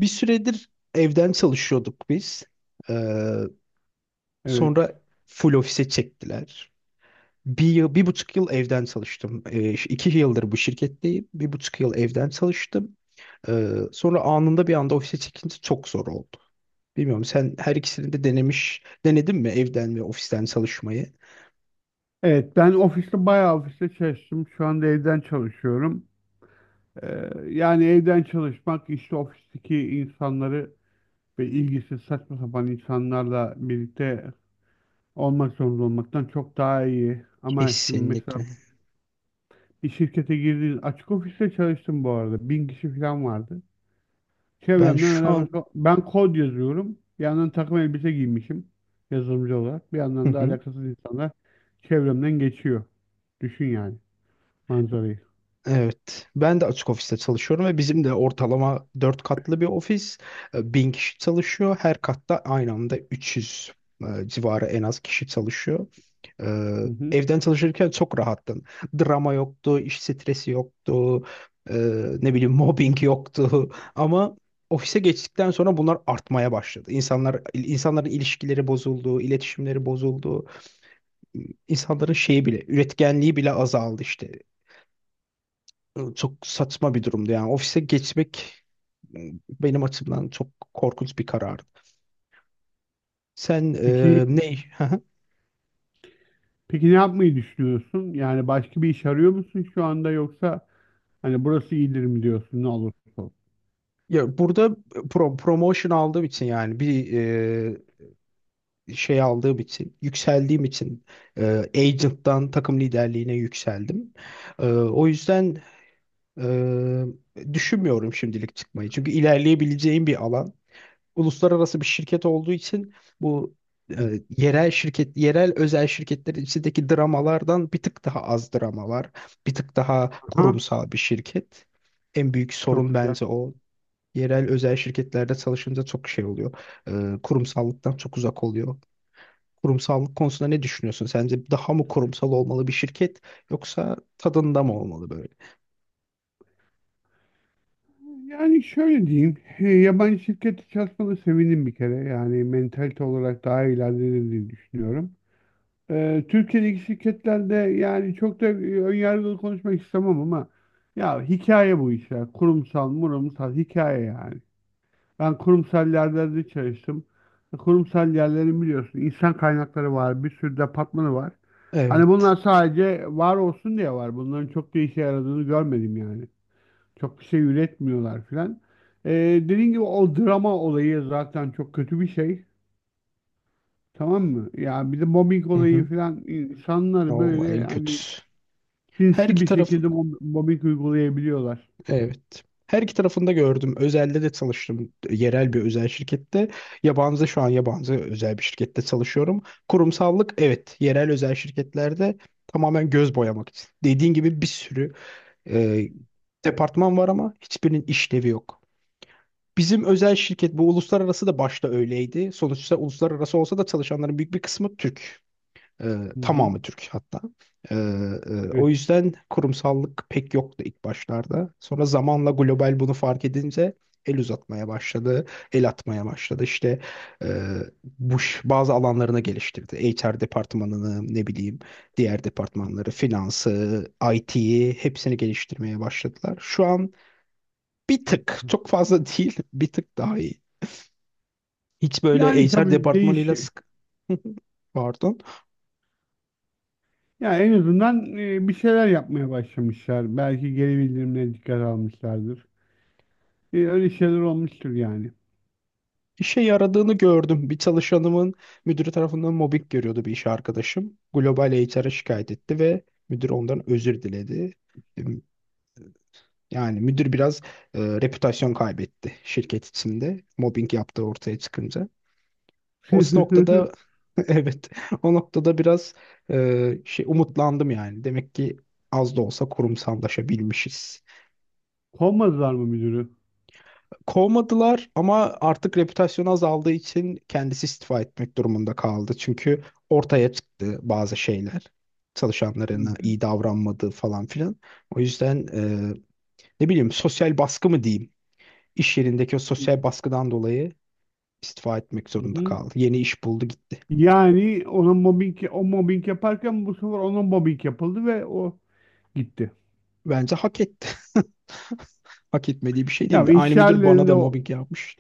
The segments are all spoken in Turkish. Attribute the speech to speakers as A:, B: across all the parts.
A: Bir süredir evden çalışıyorduk biz. Ee,
B: Evet.
A: Sonra full ofise çektiler. 1 yıl, 1,5 yıl evden çalıştım. 2 yıldır bu şirketteyim. 1,5 yıl evden çalıştım. Sonra anında bir anda ofise çekince çok zor oldu. Bilmiyorum sen her ikisini de denedin mi evden ve ofisten çalışmayı?
B: Evet Ben ofiste ofiste çalıştım. Şu anda evden çalışıyorum. Yani evden çalışmak işte ofisteki insanları ve ilgisiz saçma sapan insanlarla birlikte olmak zorunda olmaktan çok daha iyi. Ama şimdi mesela
A: Kesinlikle.
B: bir şirkete girdiğiniz açık ofiste çalıştım bu arada. Bin kişi falan vardı.
A: Ben
B: Çevremden
A: şu
B: alakası
A: an...
B: yok. Ben kod yazıyorum. Bir yandan takım elbise giymişim yazılımcı olarak. Bir yandan da alakasız insanlar çevremden geçiyor. Düşün yani manzarayı.
A: Evet. Ben de açık ofiste çalışıyorum ve bizim de ortalama 4 katlı bir ofis. 1000 kişi çalışıyor. Her katta aynı anda 300 civarı en az kişi çalışıyor. E,
B: Hı hı.
A: Evden çalışırken çok rahattım. Drama yoktu, iş stresi yoktu, e, ne bileyim mobbing yoktu. Ama ofise geçtikten sonra bunlar artmaya başladı. İnsanların ilişkileri bozuldu, iletişimleri bozuldu. İnsanların şeyi bile, üretkenliği bile azaldı işte, çok saçma bir durumdu yani ofise geçmek benim açımdan çok korkunç bir karardı. Sen
B: Peki
A: ne?
B: peki ne yapmayı düşünüyorsun? Yani başka bir iş arıyor musun şu anda yoksa hani burası iyidir mi diyorsun ne olursa olsun?
A: Ya burada promotion aldığım için, yani bir şey aldığım için, yükseldiğim için, e, agent'tan takım liderliğine yükseldim. O yüzden düşünmüyorum şimdilik çıkmayı. Çünkü ilerleyebileceğim bir alan. Uluslararası bir şirket olduğu için bu yerel özel şirketler içindeki dramalardan bir tık daha az drama var. Bir tık daha
B: Aha,
A: kurumsal bir şirket. En büyük
B: çok
A: sorun
B: güzel.
A: bence o. Yerel özel şirketlerde çalışınca çok şey oluyor. Kurumsallıktan çok uzak oluyor. Kurumsallık konusunda ne düşünüyorsun? Sence daha mı kurumsal olmalı bir şirket, yoksa tadında mı olmalı böyle?
B: Yani şöyle diyeyim, yabancı şirkette çalışmana sevindim bir kere. Yani mentalite olarak daha ilerlediğini diye düşünüyorum. Türkiye'deki şirketlerde yani çok da önyargılı konuşmak istemem ama ya hikaye bu işler. Kurumsal, murumsal hikaye yani. Ben kurumsal yerlerde çalıştım. Kurumsal yerlerin biliyorsun insan kaynakları var, bir sürü departmanı var. Hani
A: Evet.
B: bunlar sadece var olsun diye var. Bunların çok da işe yaradığını görmedim yani. Çok bir şey üretmiyorlar filan. Ee, Dediğim gibi o drama olayı zaten çok kötü bir şey. Tamam mı? Ya bir de mobbing
A: Hı
B: olayı
A: hı.
B: filan insanlar
A: O
B: böyle
A: en
B: hani
A: kötüsü. Her
B: sinsi
A: iki
B: bir
A: taraf.
B: şekilde mobbing uygulayabiliyorlar.
A: Evet. Her iki tarafında gördüm. Özelde de çalıştım. Yerel bir özel şirkette. Yabancı şu an Yabancı özel bir şirkette çalışıyorum. Kurumsallık evet. Yerel özel şirketlerde tamamen göz boyamak için. Dediğin gibi bir sürü e, departman var ama hiçbirinin işlevi yok. Bizim özel şirket, bu uluslararası da başta öyleydi. Sonuçta uluslararası olsa da çalışanların büyük bir kısmı Türk. Ee,
B: Hı hı.
A: Tamamı Türk hatta. Ee, O
B: Evet,
A: yüzden kurumsallık pek yoktu ilk başlarda. Sonra zamanla global bunu fark edince el uzatmaya başladı, el atmaya başladı. İşte e, bazı alanlarını geliştirdi. HR departmanını, ne bileyim, diğer departmanları, finansı, IT'yi hepsini geliştirmeye başladılar. Şu an bir
B: çok
A: tık,
B: güzel.
A: çok fazla değil, bir tık daha iyi. Hiç böyle
B: Yani
A: HR
B: tabii değiş.
A: departmanıyla sık... Pardon.
B: Ya en azından bir şeyler yapmaya başlamışlar. Belki geri bildirimlere dikkat almışlardır. Öyle şeyler olmuştur yani.
A: İşe yaradığını gördüm. Bir çalışanımın müdürü tarafından mobbing görüyordu bir iş arkadaşım. Global HR'a şikayet etti ve müdür ondan özür diledi. Em, Yani müdür biraz reputasyon kaybetti şirket içinde. Mobbing yaptığı ortaya çıkınca. O noktada evet, o noktada biraz şey, umutlandım yani. Demek ki az da olsa kurumsallaşabilmişiz.
B: Kovmadılar mı müdürü?
A: Kovmadılar, ama artık reputasyonu azaldığı için kendisi istifa etmek durumunda kaldı. Çünkü ortaya çıktı bazı şeyler.
B: Hı
A: Çalışanlarına
B: hı.
A: iyi davranmadığı falan filan. O yüzden ne bileyim, sosyal baskı mı diyeyim? İş yerindeki o sosyal baskıdan dolayı istifa etmek
B: Hı
A: zorunda
B: hı.
A: kaldı. Yeni iş buldu, gitti.
B: Yani ona mobbing, o mobbing yaparken bu sefer ona mobbing yapıldı ve o gitti.
A: Bence hak etti. Hak etmediği bir şey
B: Ya
A: değildi.
B: yani
A: Aynı
B: iş
A: müdür bana
B: yerlerinde
A: da
B: o.
A: mobbing yapmış.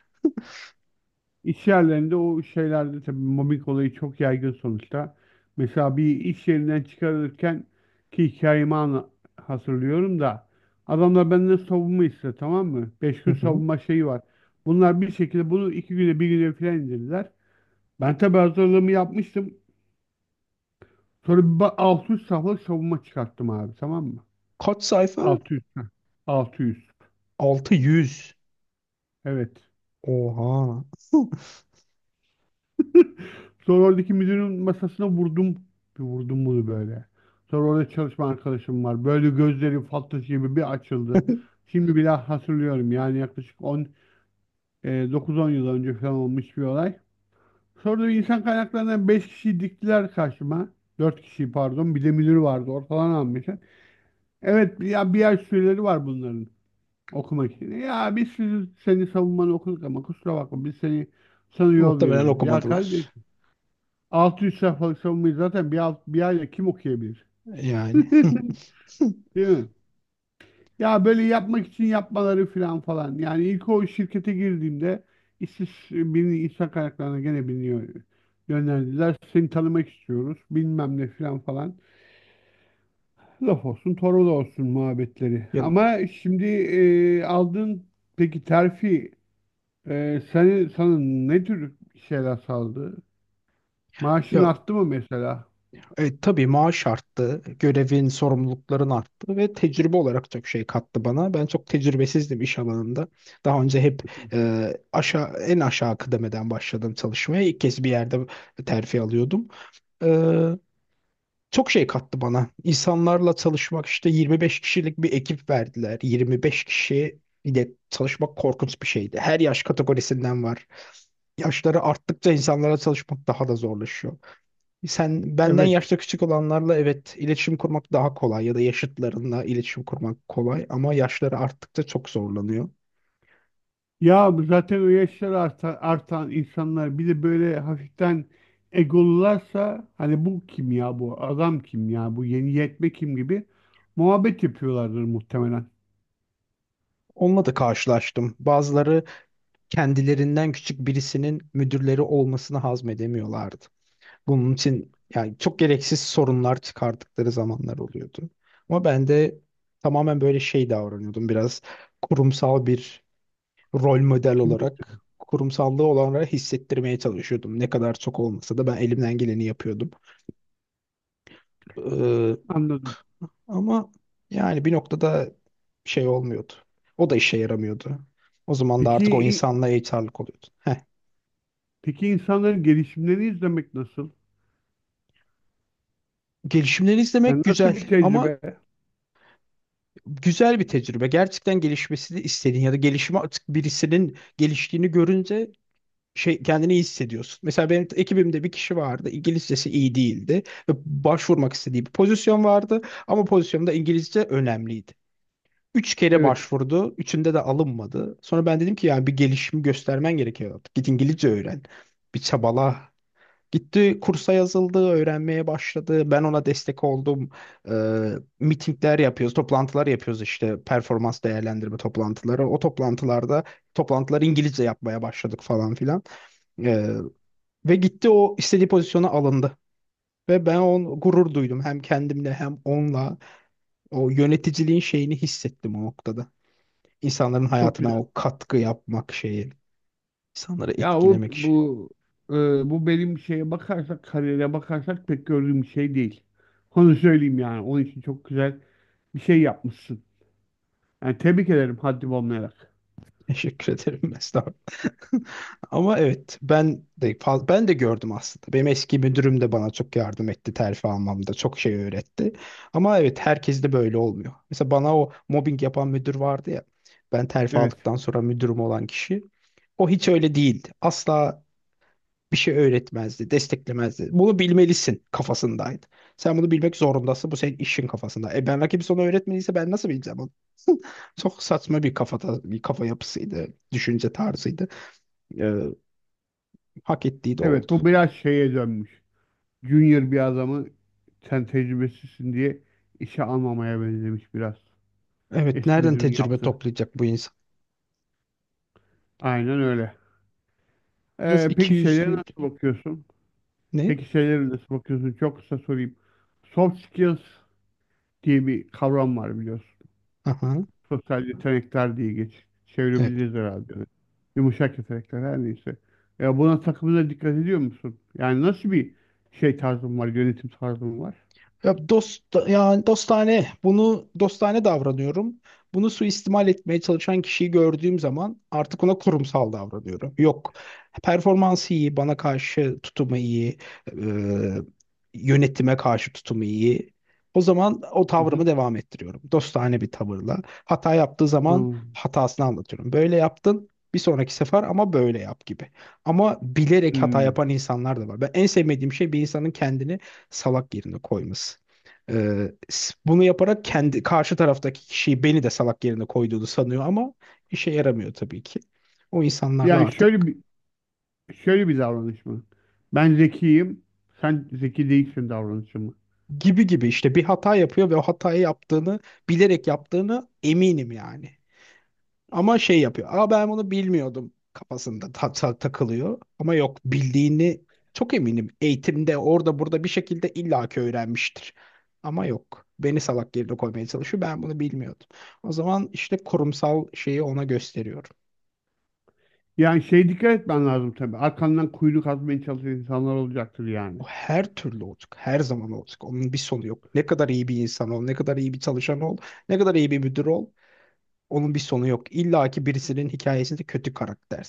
B: İş yerlerinde o şeylerde tabii mobbing olayı çok yaygın sonuçta. Mesela bir iş yerinden çıkarılırken ki hatırlıyorum da adamlar benden savunma istedi, tamam mı? Beş
A: Hı
B: gün
A: hı.
B: savunma şeyi var. Bunlar bir şekilde bunu iki güne, bir güne filan indirdiler. Ben tabii hazırlığımı yapmıştım. Sonra 600 sayfalık savunma çıkarttım abi, tamam mı?
A: Kaç sayfa?
B: 600. 600.
A: 600.
B: Evet.
A: Oha.
B: Sonra oradaki müdürün masasına vurdum. Bir vurdum bunu böyle. Sonra orada çalışma arkadaşım var. Böyle gözleri fal taşı gibi bir açıldı. Şimdi bile hatırlıyorum. Yani yaklaşık 9-10 yıl önce falan olmuş bir olay. Sonra da insan kaynaklarından 5 kişi diktiler karşıma. 4 kişi pardon. Bir de müdür vardı. Ortalan almışlar. Evet ya bir ay süreleri var bunların okumak için. Ya biz seni savunmanı okuduk ama kusura bakma biz seni sana yol
A: Muhtemelen
B: veriyoruz. Ya kardeş,
A: okumadılar.
B: 600 sayfalık savunmayı zaten bir ayda kim okuyabilir?
A: Yani.
B: Değil mi? Ya böyle yapmak için yapmaları falan falan. Yani ilk o şirkete girdiğimde işsiz birini insan kaynaklarına gene yönlendirdiler. Seni tanımak istiyoruz. Bilmem ne falan falan. Laf olsun, torba da olsun muhabbetleri.
A: Ya,
B: Ama şimdi aldığın peki terfi sana ne tür şeyler sağladı? Maaşın
A: ya
B: arttı mı mesela?
A: tabii maaş arttı, görevin, sorumlulukların arttı ve tecrübe olarak çok şey kattı bana. Ben çok tecrübesizdim iş alanında. Daha önce hep e, aşağı en aşağı kıdemeden başladım çalışmaya. İlk kez bir yerde terfi alıyordum. E, Çok şey kattı bana. İnsanlarla çalışmak, işte 25 kişilik bir ekip verdiler. 25 kişi ile çalışmak korkunç bir şeydi. Her yaş kategorisinden var. Yaşları arttıkça insanlarla çalışmak daha da zorlaşıyor. Sen benden
B: Evet.
A: yaşta küçük olanlarla evet iletişim kurmak daha kolay, ya da yaşıtlarınla iletişim kurmak kolay, ama yaşları arttıkça çok zorlanıyor.
B: Ya zaten o yaşlar artan insanlar bir de böyle hafiften egolularsa hani bu kim ya, bu adam kim ya, bu yeni yetme kim gibi muhabbet yapıyorlardır muhtemelen.
A: Onunla da karşılaştım. Bazıları kendilerinden küçük birisinin müdürleri olmasını hazmedemiyorlardı. Bunun için yani çok gereksiz sorunlar çıkardıkları zamanlar oluyordu. Ama ben de tamamen böyle şey davranıyordum, biraz kurumsal bir rol model
B: Kimlik
A: olarak kurumsallığı olanlara hissettirmeye çalışıyordum. Ne kadar çok olmasa da ben elimden geleni yapıyordum. Ee,
B: anladım.
A: Ama yani bir noktada şey olmuyordu. O da işe yaramıyordu. O zaman da artık o
B: Peki
A: insanla HR'lık oluyordu. Heh.
B: peki insanların gelişimlerini izlemek nasıl?
A: Gelişimleri izlemek
B: Yani nasıl
A: güzel
B: bir
A: ama,
B: tecrübe?
A: güzel bir tecrübe. Gerçekten gelişmesini istediğin ya da gelişimi, artık birisinin geliştiğini görünce şey, kendini iyi hissediyorsun. Mesela benim ekibimde bir kişi vardı. İngilizcesi iyi değildi ve başvurmak istediği bir pozisyon vardı, ama pozisyonda İngilizce önemliydi. 3 kere
B: Evet,
A: başvurdu. Üçünde de alınmadı. Sonra ben dedim ki yani bir gelişim göstermen gerekiyor artık. Git İngilizce öğren. Bir çabala. Gitti kursa yazıldı, öğrenmeye başladı. Ben ona destek oldum. Ee, Mitingler yapıyoruz, toplantılar yapıyoruz, işte performans değerlendirme toplantıları. O toplantılarda Toplantıları İngilizce yapmaya başladık falan filan. Ee, Ve gitti, o istediği pozisyona alındı. Ve ben on gurur duydum, hem kendimle hem onunla. O yöneticiliğin şeyini hissettim o noktada. İnsanların
B: çok
A: hayatına
B: güzel.
A: o katkı yapmak şeyi, insanları
B: Ya o
A: etkilemek işi.
B: bu e, Bu benim şeye bakarsak, kariyere bakarsak pek gördüğüm bir şey değil. Onu söyleyeyim yani. Onun için çok güzel bir şey yapmışsın. Yani tebrik ederim haddim olmayarak.
A: Teşekkür ederim Mesut abi. Ama evet, ben de gördüm aslında. Benim eski müdürüm de bana çok yardım etti terfi almamda. Çok şey öğretti. Ama evet, herkes de böyle olmuyor. Mesela bana o mobbing yapan müdür vardı ya. Ben terfi
B: Evet.
A: aldıktan sonra müdürüm olan kişi. O hiç öyle değildi. Asla bir şey öğretmezdi, desteklemezdi. Bunu bilmelisin kafasındaydı. Sen bunu bilmek zorundasın. Bu senin işin kafasında. E ben rakip, sana öğretmediyse ben nasıl bileceğim onu? Çok saçma bir kafada, bir kafa yapısıydı, düşünce tarzıydı. Hak ettiği de
B: Evet,
A: oldu.
B: bu biraz şeye dönmüş. Junior bir adamı sen tecrübesizsin diye işe almamaya benzemiş biraz.
A: Evet,
B: Eski
A: nereden
B: müdürün
A: tecrübe
B: yaptı.
A: toplayacak bu insan?
B: Aynen öyle.
A: Biraz
B: Peki şeylere
A: ikiyüzlüydü.
B: nasıl bakıyorsun?
A: Ne?
B: Peki şeylere nasıl bakıyorsun? Çok kısa sorayım. Soft skills diye bir kavram var biliyorsun.
A: Aha,
B: Sosyal yetenekler diye
A: evet.
B: çevirebiliriz herhalde. Yumuşak yetenekler her neyse. Ya buna takımına dikkat ediyor musun? Yani nasıl bir şey tarzın var, yönetim tarzın var?
A: Dostane, bunu dostane davranıyorum. Bunu suistimal etmeye çalışan kişiyi gördüğüm zaman artık ona kurumsal davranıyorum. Yok. Performansı iyi, bana karşı tutumu iyi, e, yönetime karşı tutumu iyi. O zaman o
B: Hı hı.
A: tavrımı devam ettiriyorum. Dostane bir tavırla. Hata yaptığı zaman
B: Anladım.
A: hatasını anlatıyorum. Böyle yaptın, bir sonraki sefer ama böyle yap gibi. Ama bilerek hata
B: Hmm.
A: yapan insanlar da var. Ben en sevmediğim şey, bir insanın kendini salak yerine koyması. Bunu yaparak karşı taraftaki kişiyi, beni de salak yerine koyduğunu sanıyor, ama işe yaramıyor tabii ki. O insanlarla
B: Yani şöyle
A: artık
B: bir Şöyle bir davranış mı? Ben zekiyim, sen zeki değilsin davranışı mı?
A: gibi gibi işte bir hata yapıyor ve o hatayı bilerek yaptığını eminim yani. Ama şey yapıyor. Aa, ben bunu bilmiyordum kafasında takılıyor. Ama yok, bildiğini çok eminim. Eğitimde, orada burada bir şekilde illaki öğrenmiştir. Ama yok. Beni salak yerine koymaya çalışıyor. Ben bunu bilmiyordum. O zaman işte kurumsal şeyi ona gösteriyorum.
B: Yani şey dikkat etmen lazım tabii. Arkandan kuyunu kazmaya çalışan insanlar olacaktır yani.
A: O her türlü olacak. Her zaman olacak. Onun bir sonu yok. Ne kadar iyi bir insan ol, ne kadar iyi bir çalışan ol, ne kadar iyi bir müdür ol. Onun bir sonu yok. İlla ki birisinin hikayesinde kötü karakter.